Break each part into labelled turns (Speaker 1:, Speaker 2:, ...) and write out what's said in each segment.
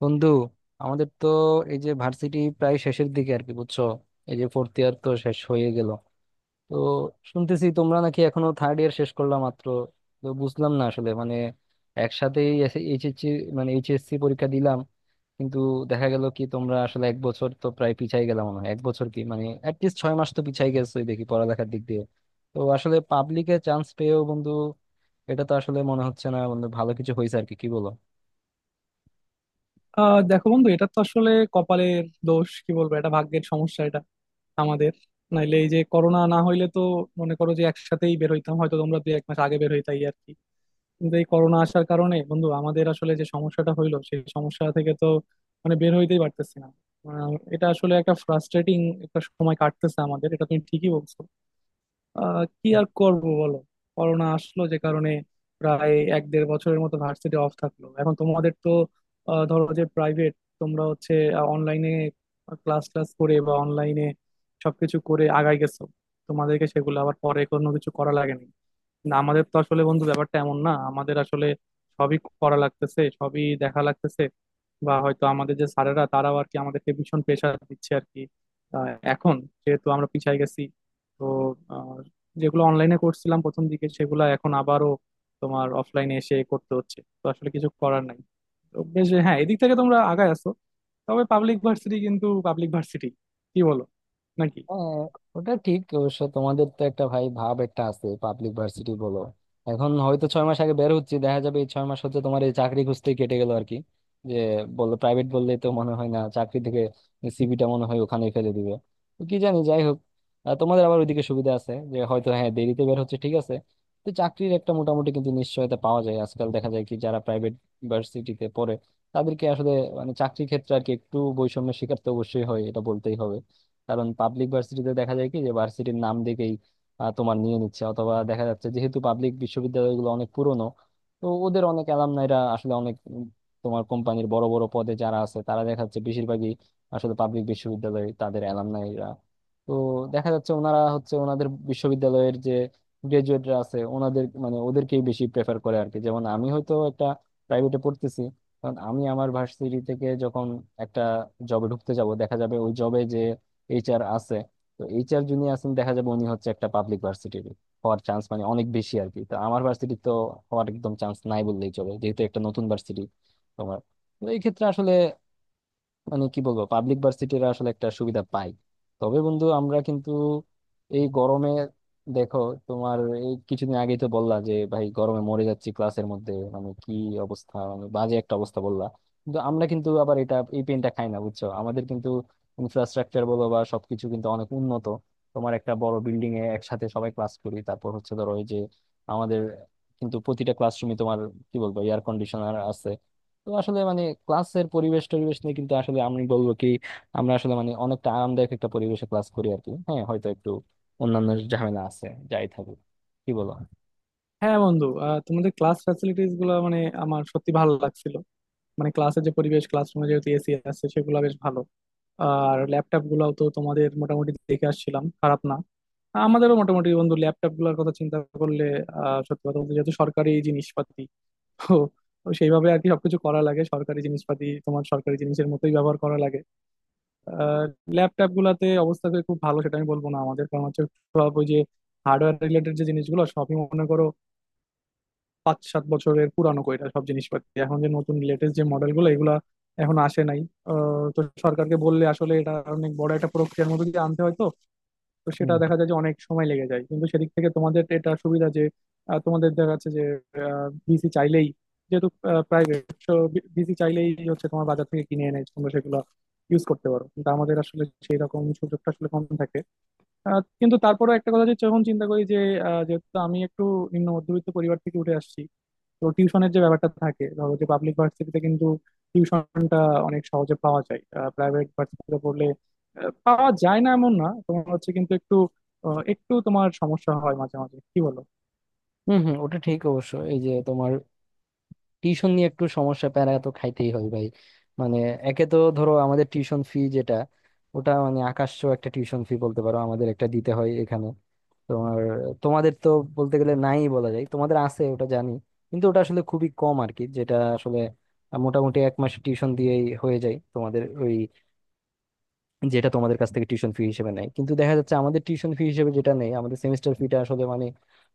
Speaker 1: বন্ধু আমাদের তো এই যে ভার্সিটি প্রায় শেষের দিকে আর কি বুঝছো? এই যে ফোর্থ ইয়ার তো শেষ হয়ে গেল, তো শুনতেছি তোমরা নাকি এখনো থার্ড ইয়ার শেষ করলা মাত্র। তো বুঝলাম না আসলে মানে একসাথেই এইচএসসি, মানে এইচএসসি পরীক্ষা দিলাম কিন্তু দেখা গেল কি তোমরা আসলে এক বছর তো প্রায় পিছাই গেলাম মনে হয়, এক বছর কি মানে অ্যাটলিস্ট 6 মাস তো পিছাই গেছোই দেখি পড়ালেখার দিক দিয়ে। তো আসলে পাবলিকে চান্স পেয়েও বন্ধু এটা তো আসলে মনে হচ্ছে না বন্ধু ভালো কিছু হয়েছে আর কি, কি বলো?
Speaker 2: দেখো বন্ধু, এটা তো আসলে কপালের দোষ কি বলবো, এটা ভাগ্যের সমস্যা, এটা আমাদের। নাইলে এই যে করোনা না হইলে তো মনে করো যে একসাথেই বের হইতাম, হয়তো তোমরা 2 1 মাস আগে বের হইতাই আর কি। কিন্তু এই করোনা আসার কারণে বন্ধু আমাদের আসলে যে সমস্যাটা হইলো সেই সমস্যা থেকে তো মানে বের হইতেই পারতেছি না। এটা আসলে একটা ফ্রাস্ট্রেটিং একটা সময় কাটতেছে আমাদের, এটা তুমি ঠিকই বলছো। কি আর করব বলো। করোনা আসলো যে কারণে প্রায় 1 দেড় বছরের মতো ভার্সিটি অফ থাকলো। এখন তোমাদের তো ধরো যে প্রাইভেট, তোমরা হচ্ছে অনলাইনে ক্লাস ক্লাস করে বা অনলাইনে সবকিছু করে আগাই গেছো, তোমাদেরকে সেগুলো আবার পরে কোনো কিছু করা লাগেনি। না, আমাদের তো আসলে বন্ধু ব্যাপারটা এমন না, আমাদের আসলে সবই করা লাগতেছে, সবই দেখা লাগতেছে। বা হয়তো আমাদের যে স্যারেরা তারাও আর কি আমাদেরকে ভীষণ প্রেশার দিচ্ছে আর কি। আহ, এখন যেহেতু আমরা পিছায় গেছি, তো আহ, যেগুলো অনলাইনে করছিলাম প্রথম দিকে সেগুলো এখন আবারও তোমার অফলাইনে এসে করতে হচ্ছে। তো আসলে কিছু করার নাই। তো বেশ, হ্যাঁ, এদিক থেকে তোমরা আগায় আছো। তবে পাবলিক ভার্সিটি কিন্তু পাবলিক ভার্সিটি, কি বলো, নাকি?
Speaker 1: হ্যাঁ, ওটা ঠিক অবশ্য, তোমাদের তো একটা ভাই ভাব একটা আছে পাবলিক ভার্সিটি বলো। এখন হয়তো 6 মাস আগে বের হচ্ছে, দেখা যাবে এই 6 মাস হচ্ছে তোমার এই চাকরি খুঁজতেই কেটে গেল আর কি। যে বললো প্রাইভেট বললে তো মনে হয় না চাকরি থেকে সিভিটা মনে হয় ওখানেই ফেলে দিবে। তো কি জানি, যাই হোক। তোমাদের আবার ওইদিকে সুবিধা আছে যে হয়তো হ্যাঁ দেরিতে বের হচ্ছে ঠিক আছে, তো চাকরির একটা মোটামুটি কিন্তু নিশ্চয়তা পাওয়া যায়। আজকাল দেখা যায় কি যারা প্রাইভেট ভার্সিটিতে পড়ে তাদেরকে আসলে মানে চাকরির ক্ষেত্রে আর কি একটু বৈষম্যের শিকার তো অবশ্যই হয়, এটা বলতেই হবে। কারণ পাবলিক ভার্সিটিতে দেখা যায় কি যে ভার্সিটির নাম দেখেই তোমার নিয়ে নিচ্ছে, অথবা দেখা যাচ্ছে যেহেতু পাবলিক বিশ্ববিদ্যালয়গুলো অনেক পুরনো, তো ওদের অনেক অ্যালামনাইরা আসলে অনেক তোমার কোম্পানির বড় বড় পদে যারা আছে তারা দেখা যাচ্ছে বেশিরভাগই আসলে পাবলিক বিশ্ববিদ্যালয়ে তাদের অ্যালামনাইরা। তো দেখা যাচ্ছে ওনারা হচ্ছে ওনাদের বিশ্ববিদ্যালয়ের যে গ্রাজুয়েটরা আছে ওনাদের মানে ওদেরকেই বেশি প্রেফার করে আর কি। যেমন আমি হয়তো একটা প্রাইভেটে পড়তেছি, কারণ আমি আমার ভার্সিটি থেকে যখন একটা জবে ঢুকতে যাব দেখা যাবে ওই জবে যে এইচআর আছে, তো এইচআর যিনি আছেন দেখা যাবে উনি হচ্ছে একটা পাবলিক ভার্সিটির হওয়ার চান্স মানে অনেক বেশি আর কি। তো আমার ভার্সিটি তো হওয়ার একদম চান্স নাই বললেই চলে যেহেতু একটা নতুন ভার্সিটি তোমার। তো এই ক্ষেত্রে আসলে মানে কি বলবো পাবলিক ভার্সিটিরা আসলে একটা সুবিধা পাই। তবে বন্ধু আমরা কিন্তু এই গরমে দেখো তোমার এই কিছুদিন আগেই তো বললা যে ভাই গরমে মরে যাচ্ছি ক্লাসের মধ্যে মানে কি অবস্থা, মানে বাজে একটা অবস্থা বললা। কিন্তু আমরা কিন্তু আবার এটা এই পেনটা খাই না বুঝছো, আমাদের কিন্তু ইনফ্রাস্ট্রাকচার বলো বা সবকিছু কিন্তু অনেক উন্নত। তোমার একটা বড় বিল্ডিং এ একসাথে সবাই ক্লাস করি, তারপর হচ্ছে ধরো ওই যে আমাদের কিন্তু প্রতিটা ক্লাসরুমে তোমার কি বলবো এয়ার কন্ডিশনার। তো আসলে মানে ক্লাসের পরিবেশ টরিবেশ নিয়ে কিন্তু আসলে আমি বলবো কি আমরা আসলে মানে অনেকটা আরামদায়ক একটা পরিবেশে ক্লাস করি আর কি। হ্যাঁ হয়তো একটু অন্যান্য ঝামেলা আছে, যাই থাকুক, কি বলো?
Speaker 2: হ্যাঁ বন্ধু, তোমাদের ক্লাস ফ্যাসিলিটিস গুলো মানে আমার সত্যি ভালো লাগছিল। মানে ক্লাসের যে পরিবেশ, ক্লাসরুমে যেহেতু এসি আছে সেগুলো বেশ ভালো। আর ল্যাপটপ গুলাও তো তোমাদের মোটামুটি দেখে আসছিলাম, খারাপ না। আমাদেরও মোটামুটি বন্ধু ল্যাপটপ গুলোর কথা চিন্তা করলে। সত্যি কথা বলতে যেহেতু সরকারি জিনিসপাতি, তো তো সেইভাবে আর কি সবকিছু করা লাগে, সরকারি জিনিসপাতি তোমার সরকারি জিনিসের মতোই ব্যবহার করা লাগে। আহ ল্যাপটপ গুলাতে অবস্থা তো খুব ভালো সেটা আমি বলবো না আমাদের, কারণ হচ্ছে সব ওই যে হার্ডওয়্যার রিলেটেড যে জিনিসগুলো সবই মনে করো 5 7 বছরের পুরানো কইরা সব জিনিসপাতি, এখন যে নতুন লেটেস্ট যে মডেলগুলো এগুলা এখন আসে নাই। তো সরকারকে বললে আসলে এটা অনেক বড় একটা প্রক্রিয়ার মধ্যে দিয়ে আনতে হয়, তো তো সেটা
Speaker 1: হম,
Speaker 2: দেখা যায় যে অনেক সময় লেগে যায়। কিন্তু সেদিক থেকে তোমাদের এটা সুবিধা যে তোমাদের দেখা যাচ্ছে যে বিসি চাইলেই, যেহেতু প্রাইভেট, বিসি চাইলেই হচ্ছে তোমার বাজার থেকে কিনে এনে তোমরা সেগুলো ইউজ করতে পারো। কিন্তু আমাদের আসলে সেই রকম সুযোগটা আসলে কম থাকে। কিন্তু তারপরেও একটা কথা যে যখন চিন্তা করি যে যেহেতু আমি একটু নিম্ন মধ্যবিত্ত পরিবার থেকে উঠে আসছি, তো টিউশনের যে ব্যাপারটা থাকে ধরো যে পাবলিক ভার্সিটিতে কিন্তু টিউশনটা অনেক সহজে পাওয়া যায়। প্রাইভেট ভার্সিটিতে পড়লে পাওয়া যায় না এমন না, তোমার হচ্ছে কিন্তু একটু একটু তোমার সমস্যা হয় মাঝে মাঝে, কি বলো?
Speaker 1: হম, হম, ওটা ঠিক অবশ্য এই যে তোমার টিউশন নিয়ে একটু সমস্যা, প্যারা তো খাইতেই হয় ভাই। মানে একে তো ধরো আমাদের টিউশন ফি যেটা ওটা মানে আকাশছোঁয়া একটা টিউশন ফি বলতে পারো, আমাদের একটা দিতে হয় এখানে তোমার। তোমাদের তো বলতে গেলে নাই বলা যায়, তোমাদের আছে ওটা জানি কিন্তু ওটা আসলে খুবই কম আর কি, যেটা আসলে মোটামুটি এক মাস টিউশন দিয়েই হয়ে যায় তোমাদের, যেটা তোমাদের কাছ থেকে টিউশন ফি হিসেবে নেয়। কিন্তু দেখা যাচ্ছে আমাদের টিউশন ফি হিসেবে যেটা নেই আমাদের সেমিস্টার ফিটা আসলে মানে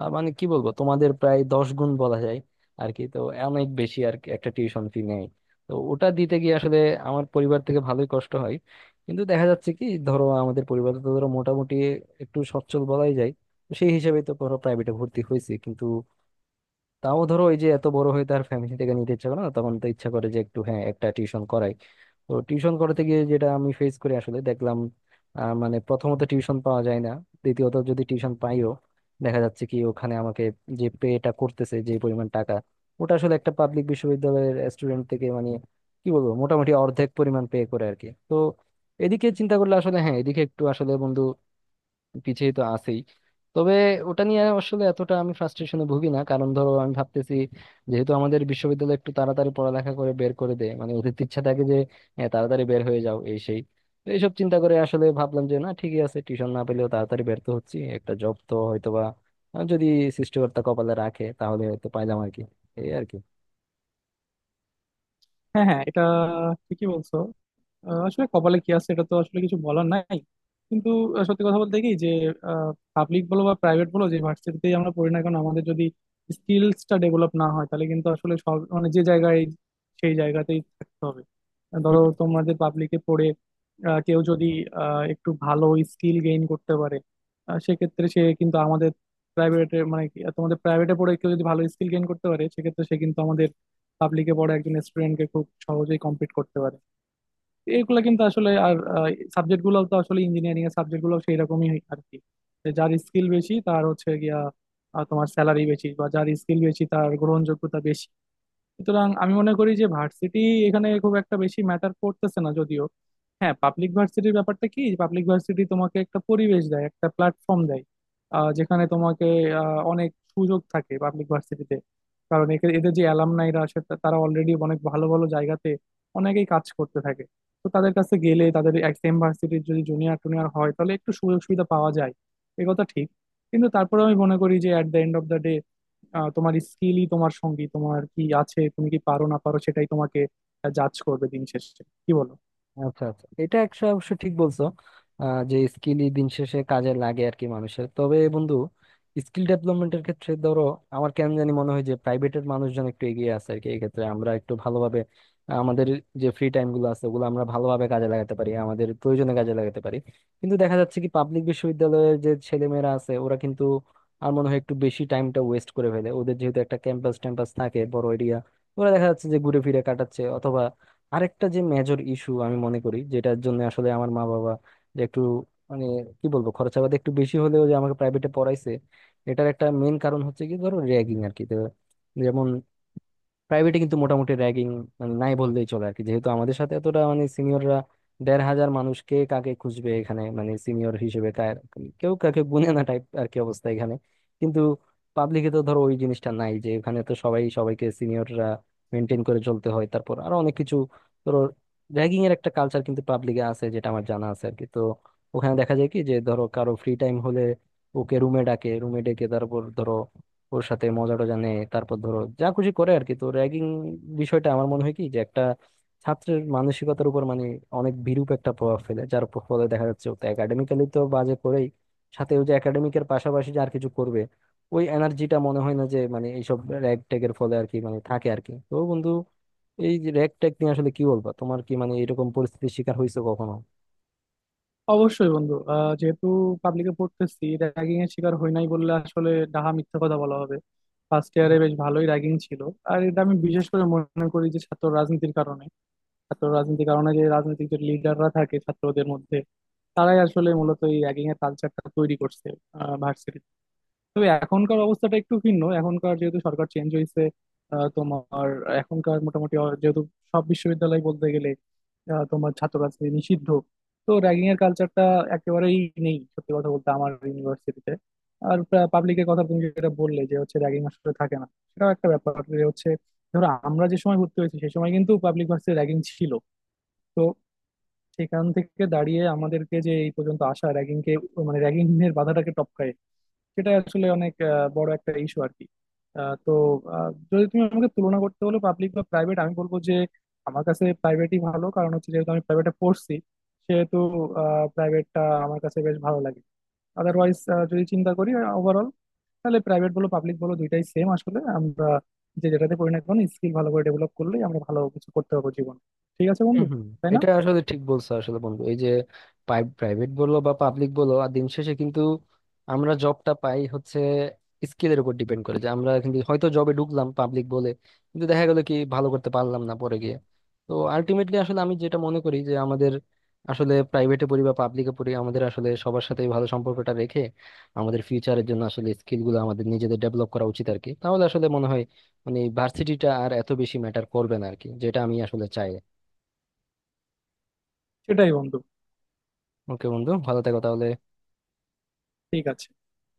Speaker 1: মানে কি বলবো তোমাদের প্রায় 10 গুণ বলা যায় আর কি, তো অনেক বেশি আর কি একটা টিউশন ফি নেয়। তো ওটা দিতে গিয়ে আসলে আমার পরিবার থেকে ভালোই কষ্ট হয়। কিন্তু দেখা যাচ্ছে কি, ধরো আমাদের পরিবার তো ধরো মোটামুটি একটু সচ্ছল বলাই যায়, তো সেই হিসেবে তো ধরো প্রাইভেটে ভর্তি হয়েছি কিন্তু তাও ধরো ওই যে এত বড় হয়ে তার ফ্যামিলি থেকে নিতে ইচ্ছা করে না, তখন তো ইচ্ছা করে যে একটু হ্যাঁ একটা টিউশন করাই। তো টিউশন করাতে গিয়ে যেটা আমি ফেস করি আসলে দেখলাম মানে প্রথমত টিউশন পাওয়া যায় না, দ্বিতীয়ত যদি টিউশন পাইও দেখা যাচ্ছে কি ওখানে আমাকে যে পেটা করতেছে যে পরিমাণ টাকা, ওটা আসলে একটা পাবলিক বিশ্ববিদ্যালয়ের স্টুডেন্ট থেকে মানে কি বলবো মোটামুটি অর্ধেক পরিমাণ পে করে আর কি। তো এদিকে চিন্তা করলে আসলে হ্যাঁ এদিকে একটু আসলে বন্ধু পিছিয়ে তো আছেই। তবে ওটা নিয়ে আসলে এতটা আমি ফ্রাস্ট্রেশনে ভুগি না, কারণ ধরো আমি ভাবতেছি যেহেতু আমাদের বিশ্ববিদ্যালয় একটু তাড়াতাড়ি পড়ালেখা করে বের করে দেয়, মানে ওদের তো ইচ্ছা থাকে যে হ্যাঁ, তাড়াতাড়ি বের হয়ে যাও এই সেই। তো এইসব চিন্তা করে আসলে ভাবলাম যে না ঠিকই আছে, টিউশন না পেলেও তাড়াতাড়ি বের তো হচ্ছি, একটা জব তো হয়তোবা যদি সৃষ্টিকর্তা কপালে রাখে তাহলে হয়তো পাইলাম আর কি, এই আর কি।
Speaker 2: হ্যাঁ হ্যাঁ, এটা ঠিকই বলছো। আসলে কপালে কি আছে এটা তো আসলে কিছু বলার নাই। কিন্তু সত্যি কথা বলতে কি যে পাবলিক বলো বা প্রাইভেট বলো, যে ভার্সিটিতেই আমরা পড়ি না কেন আমাদের যদি স্কিলসটা ডেভেলপ না হয়, তাহলে কিন্তু আসলে সব মানে যে জায়গায় সেই জায়গাতেই থাকতে হবে। ধরো তোমাদের পাবলিকে পড়ে কেউ যদি একটু ভালো স্কিল গেইন করতে পারে, আহ, সেক্ষেত্রে সে কিন্তু আমাদের প্রাইভেটে মানে কি, আহ, তোমাদের প্রাইভেটে পড়ে কেউ যদি ভালো স্কিল গেইন করতে পারে সেক্ষেত্রে সে কিন্তু আমাদের পাবলিকে পড়ে একজন স্টুডেন্টকে খুব সহজেই কম্পিট করতে পারে। এগুলা কিন্তু আসলে আর সাবজেক্ট গুলো তো আসলে ইঞ্জিনিয়ারিং এর সাবজেক্ট গুলো সেই রকমই আর কি। যে যার স্কিল বেশি তার হচ্ছে গিয়া তোমার স্যালারি বেশি, বা যার স্কিল বেশি তার গ্রহণযোগ্যতা বেশি। সুতরাং আমি মনে করি যে ভার্সিটি এখানে খুব একটা বেশি ম্যাটার করতেছে না, যদিও হ্যাঁ পাবলিক ভার্সিটির ব্যাপারটা কি, পাবলিক ভার্সিটি তোমাকে একটা পরিবেশ দেয়, একটা প্ল্যাটফর্ম দেয়, যেখানে তোমাকে অনেক সুযোগ থাকে পাবলিক ভার্সিটিতে, কারণ এদের যে অ্যালামনাইরা আছে তারা অলরেডি অনেক ভালো ভালো জায়গাতে অনেকেই কাজ করতে থাকে। তো তাদের কাছে গেলে, তাদের এক সেম ভার্সিটির যদি জুনিয়র টুনিয়র হয় তাহলে একটু সুযোগ সুবিধা পাওয়া যায়, এ কথা ঠিক। কিন্তু তারপরে আমি মনে করি যে at the end of the day তোমার স্কিলই তোমার সঙ্গী। তোমার কি আছে, তুমি কি পারো না পারো, সেটাই তোমাকে জাজ করবে দিন শেষে, কি বলো?
Speaker 1: আচ্ছা আচ্ছা, এটা একটা অবশ্য ঠিক বলছো, যে স্কিলই দিন শেষে কাজে লাগে আর কি মানুষের। তবে বন্ধু স্কিল ডেভেলপমেন্টের ক্ষেত্রে ধরো আমার কেন জানি মনে হয় যে প্রাইভেটের মানুষজন একটু এগিয়ে আছে আর কি, এই ক্ষেত্রে আমরা একটু ভালোভাবে আমাদের যে ফ্রি টাইম গুলো আছে ওগুলো আমরা ভালোভাবে কাজে লাগাতে পারি, আমাদের প্রয়োজনে কাজে লাগাতে পারি। কিন্তু দেখা যাচ্ছে কি পাবলিক বিশ্ববিদ্যালয়ের যে ছেলেমেয়েরা আছে ওরা কিন্তু আর মনে হয় একটু বেশি টাইমটা ওয়েস্ট করে ফেলে, ওদের যেহেতু একটা ক্যাম্পাস ট্যাম্পাস থাকে বড় এরিয়া, ওরা দেখা যাচ্ছে যে ঘুরে ফিরে কাটাচ্ছে। আরেকটা যে মেজর ইস্যু আমি মনে করি যেটার জন্য আসলে আমার মা বাবা যে একটু মানে কি বলবো খরচাবাদ একটু বেশি হলেও যে আমাকে প্রাইভেটে পড়াইছে, এটার একটা মেন কারণ হচ্ছে কি ধরো র্যাগিং আর কি। তো যেমন প্রাইভেটে কিন্তু মোটামুটি র্যাগিং মানে নাই বললেই চলে আর কি, যেহেতু আমাদের সাথে এতটা মানে সিনিয়ররা 1500 মানুষকে কাকে খুঁজবে এখানে, মানে সিনিয়র হিসেবে কার, কেউ কাকে গুনে না টাইপ আর কি অবস্থা এখানে। কিন্তু পাবলিকে তো ধরো ওই জিনিসটা নাই, যে এখানে তো সবাই সবাইকে সিনিয়ররা মেনটেন করে চলতে হয়, তারপর আরো অনেক কিছু, ধরো র্যাগিং এর একটা কালচার কিন্তু পাবলিকে আছে যেটা আমার জানা আছে আর কি। তো ওখানে দেখা যায় কি যে ধরো কারো ফ্রি টাইম হলে ওকে রুমে ডাকে, রুমে ডেকে তারপর ধরো ওর সাথে মজা টজা নেয়, তারপর ধরো যা খুশি করে আর কি। তো র্যাগিং বিষয়টা আমার মনে হয় কি যে একটা ছাত্রের মানসিকতার উপর মানে অনেক বিরূপ একটা প্রভাব ফেলে, যার ফলে দেখা যাচ্ছে ও তো একাডেমিক্যালি তো বাজে করেই, সাথে ও যে একাডেমিকের পাশাপাশি যে আর কিছু করবে ওই এনার্জিটা মনে হয় না যে মানে এইসব র্যাগ ট্যাগের ফলে আর কি মানে থাকে আর কি। তো বন্ধু এই যে র্যাগ ট্যাগ নিয়ে আসলে কি বলবা, তোমার কি মানে এরকম পরিস্থিতির শিকার হয়েছে কখনো?
Speaker 2: অবশ্যই বন্ধু, যেহেতু পাবলিকে পড়তেছি র্যাগিং এর শিকার হই নাই বললে আসলে ডাহা মিথ্যা কথা বলা হবে। ফার্স্ট ইয়ারে বেশ ভালোই র্যাগিং ছিল। আর এটা আমি বিশেষ করে মনে করি যে ছাত্র রাজনীতির কারণে, ছাত্র রাজনীতির কারণে যে রাজনৈতিক যে লিডাররা থাকে ছাত্রদের মধ্যে তারাই আসলে মূলত এই র্যাগিং এর কালচারটা তৈরি করছে ভার্সিটি। তবে এখনকার অবস্থাটা একটু ভিন্ন, এখনকার যেহেতু সরকার চেঞ্জ হয়েছে, আহ, তোমার এখনকার মোটামুটি যেহেতু সব বিশ্ববিদ্যালয় বলতে গেলে আহ, তোমার ছাত্র রাজনীতি নিষিদ্ধ, তো র্যাগিং এর কালচারটা একেবারেই নেই, সত্যি কথা বলতে, আমার ইউনিভার্সিটিতে। আর পাবলিকের কথা তুমি যেটা বললে যে হচ্ছে র্যাগিং আসলে থাকে না, সেটাও একটা ব্যাপার যে হচ্ছে ধরো আমরা যে সময় ভর্তি হয়েছি সেই সময় কিন্তু পাবলিক ভার্সিটি র্যাগিং ছিল। তো সেখান থেকে দাঁড়িয়ে আমাদেরকে যে এই পর্যন্ত আসা, র্যাগিং কে মানে র্যাগিং এর বাধাটাকে টপকায়, সেটা আসলে অনেক বড় একটা ইস্যু আর কি। আহ, তো যদি তুমি আমাকে তুলনা করতে বলো পাবলিক বা প্রাইভেট, আমি বলবো যে আমার কাছে প্রাইভেটই ভালো, কারণ হচ্ছে যেহেতু আমি প্রাইভেটে পড়ছি সেহেতু প্রাইভেটটা আমার কাছে বেশ ভালো লাগে। আদারওয়াইজ যদি চিন্তা করি ওভারঅল, তাহলে প্রাইভেট বলো পাবলিক বলো দুইটাই সেম। আসলে আমরা যে যেটাতে পড়ি না কেন স্কিল ভালো করে ডেভেলপ করলেই আমরা ভালো কিছু করতে পারবো জীবন। ঠিক আছে বন্ধু,
Speaker 1: হম, হম,
Speaker 2: তাই না?
Speaker 1: এটা আসলে ঠিক বলছো আসলে বন্ধু। এই যে প্রাইভেট বলো বা পাবলিক বলো আর দিন শেষে কিন্তু আমরা জবটা পাই হচ্ছে স্কিলের উপর ডিপেন্ড করে, যে আমরা কিন্তু হয়তো জবে ঢুকলাম পাবলিক বলে কিন্তু দেখা গেলো কি ভালো করতে পারলাম না পরে গিয়ে। তো আলটিমেটলি আসলে আমি যেটা মনে করি যে আমাদের আসলে প্রাইভেটে পড়ি বা পাবলিকে পড়ি আমাদের আসলে সবার সাথে ভালো সম্পর্কটা রেখে আমাদের ফিউচারের জন্য আসলে স্কিল গুলো আমাদের নিজেদের ডেভেলপ করা উচিত আর কি, তাহলে আসলে মনে হয় মানে ভার্সিটিটা আর এত বেশি ম্যাটার করবে না আর কি, যেটা আমি আসলে চাই।
Speaker 2: সেটাই বন্ধু।
Speaker 1: ওকে বন্ধু, ভালো থেকো তাহলে।
Speaker 2: ঠিক আছে।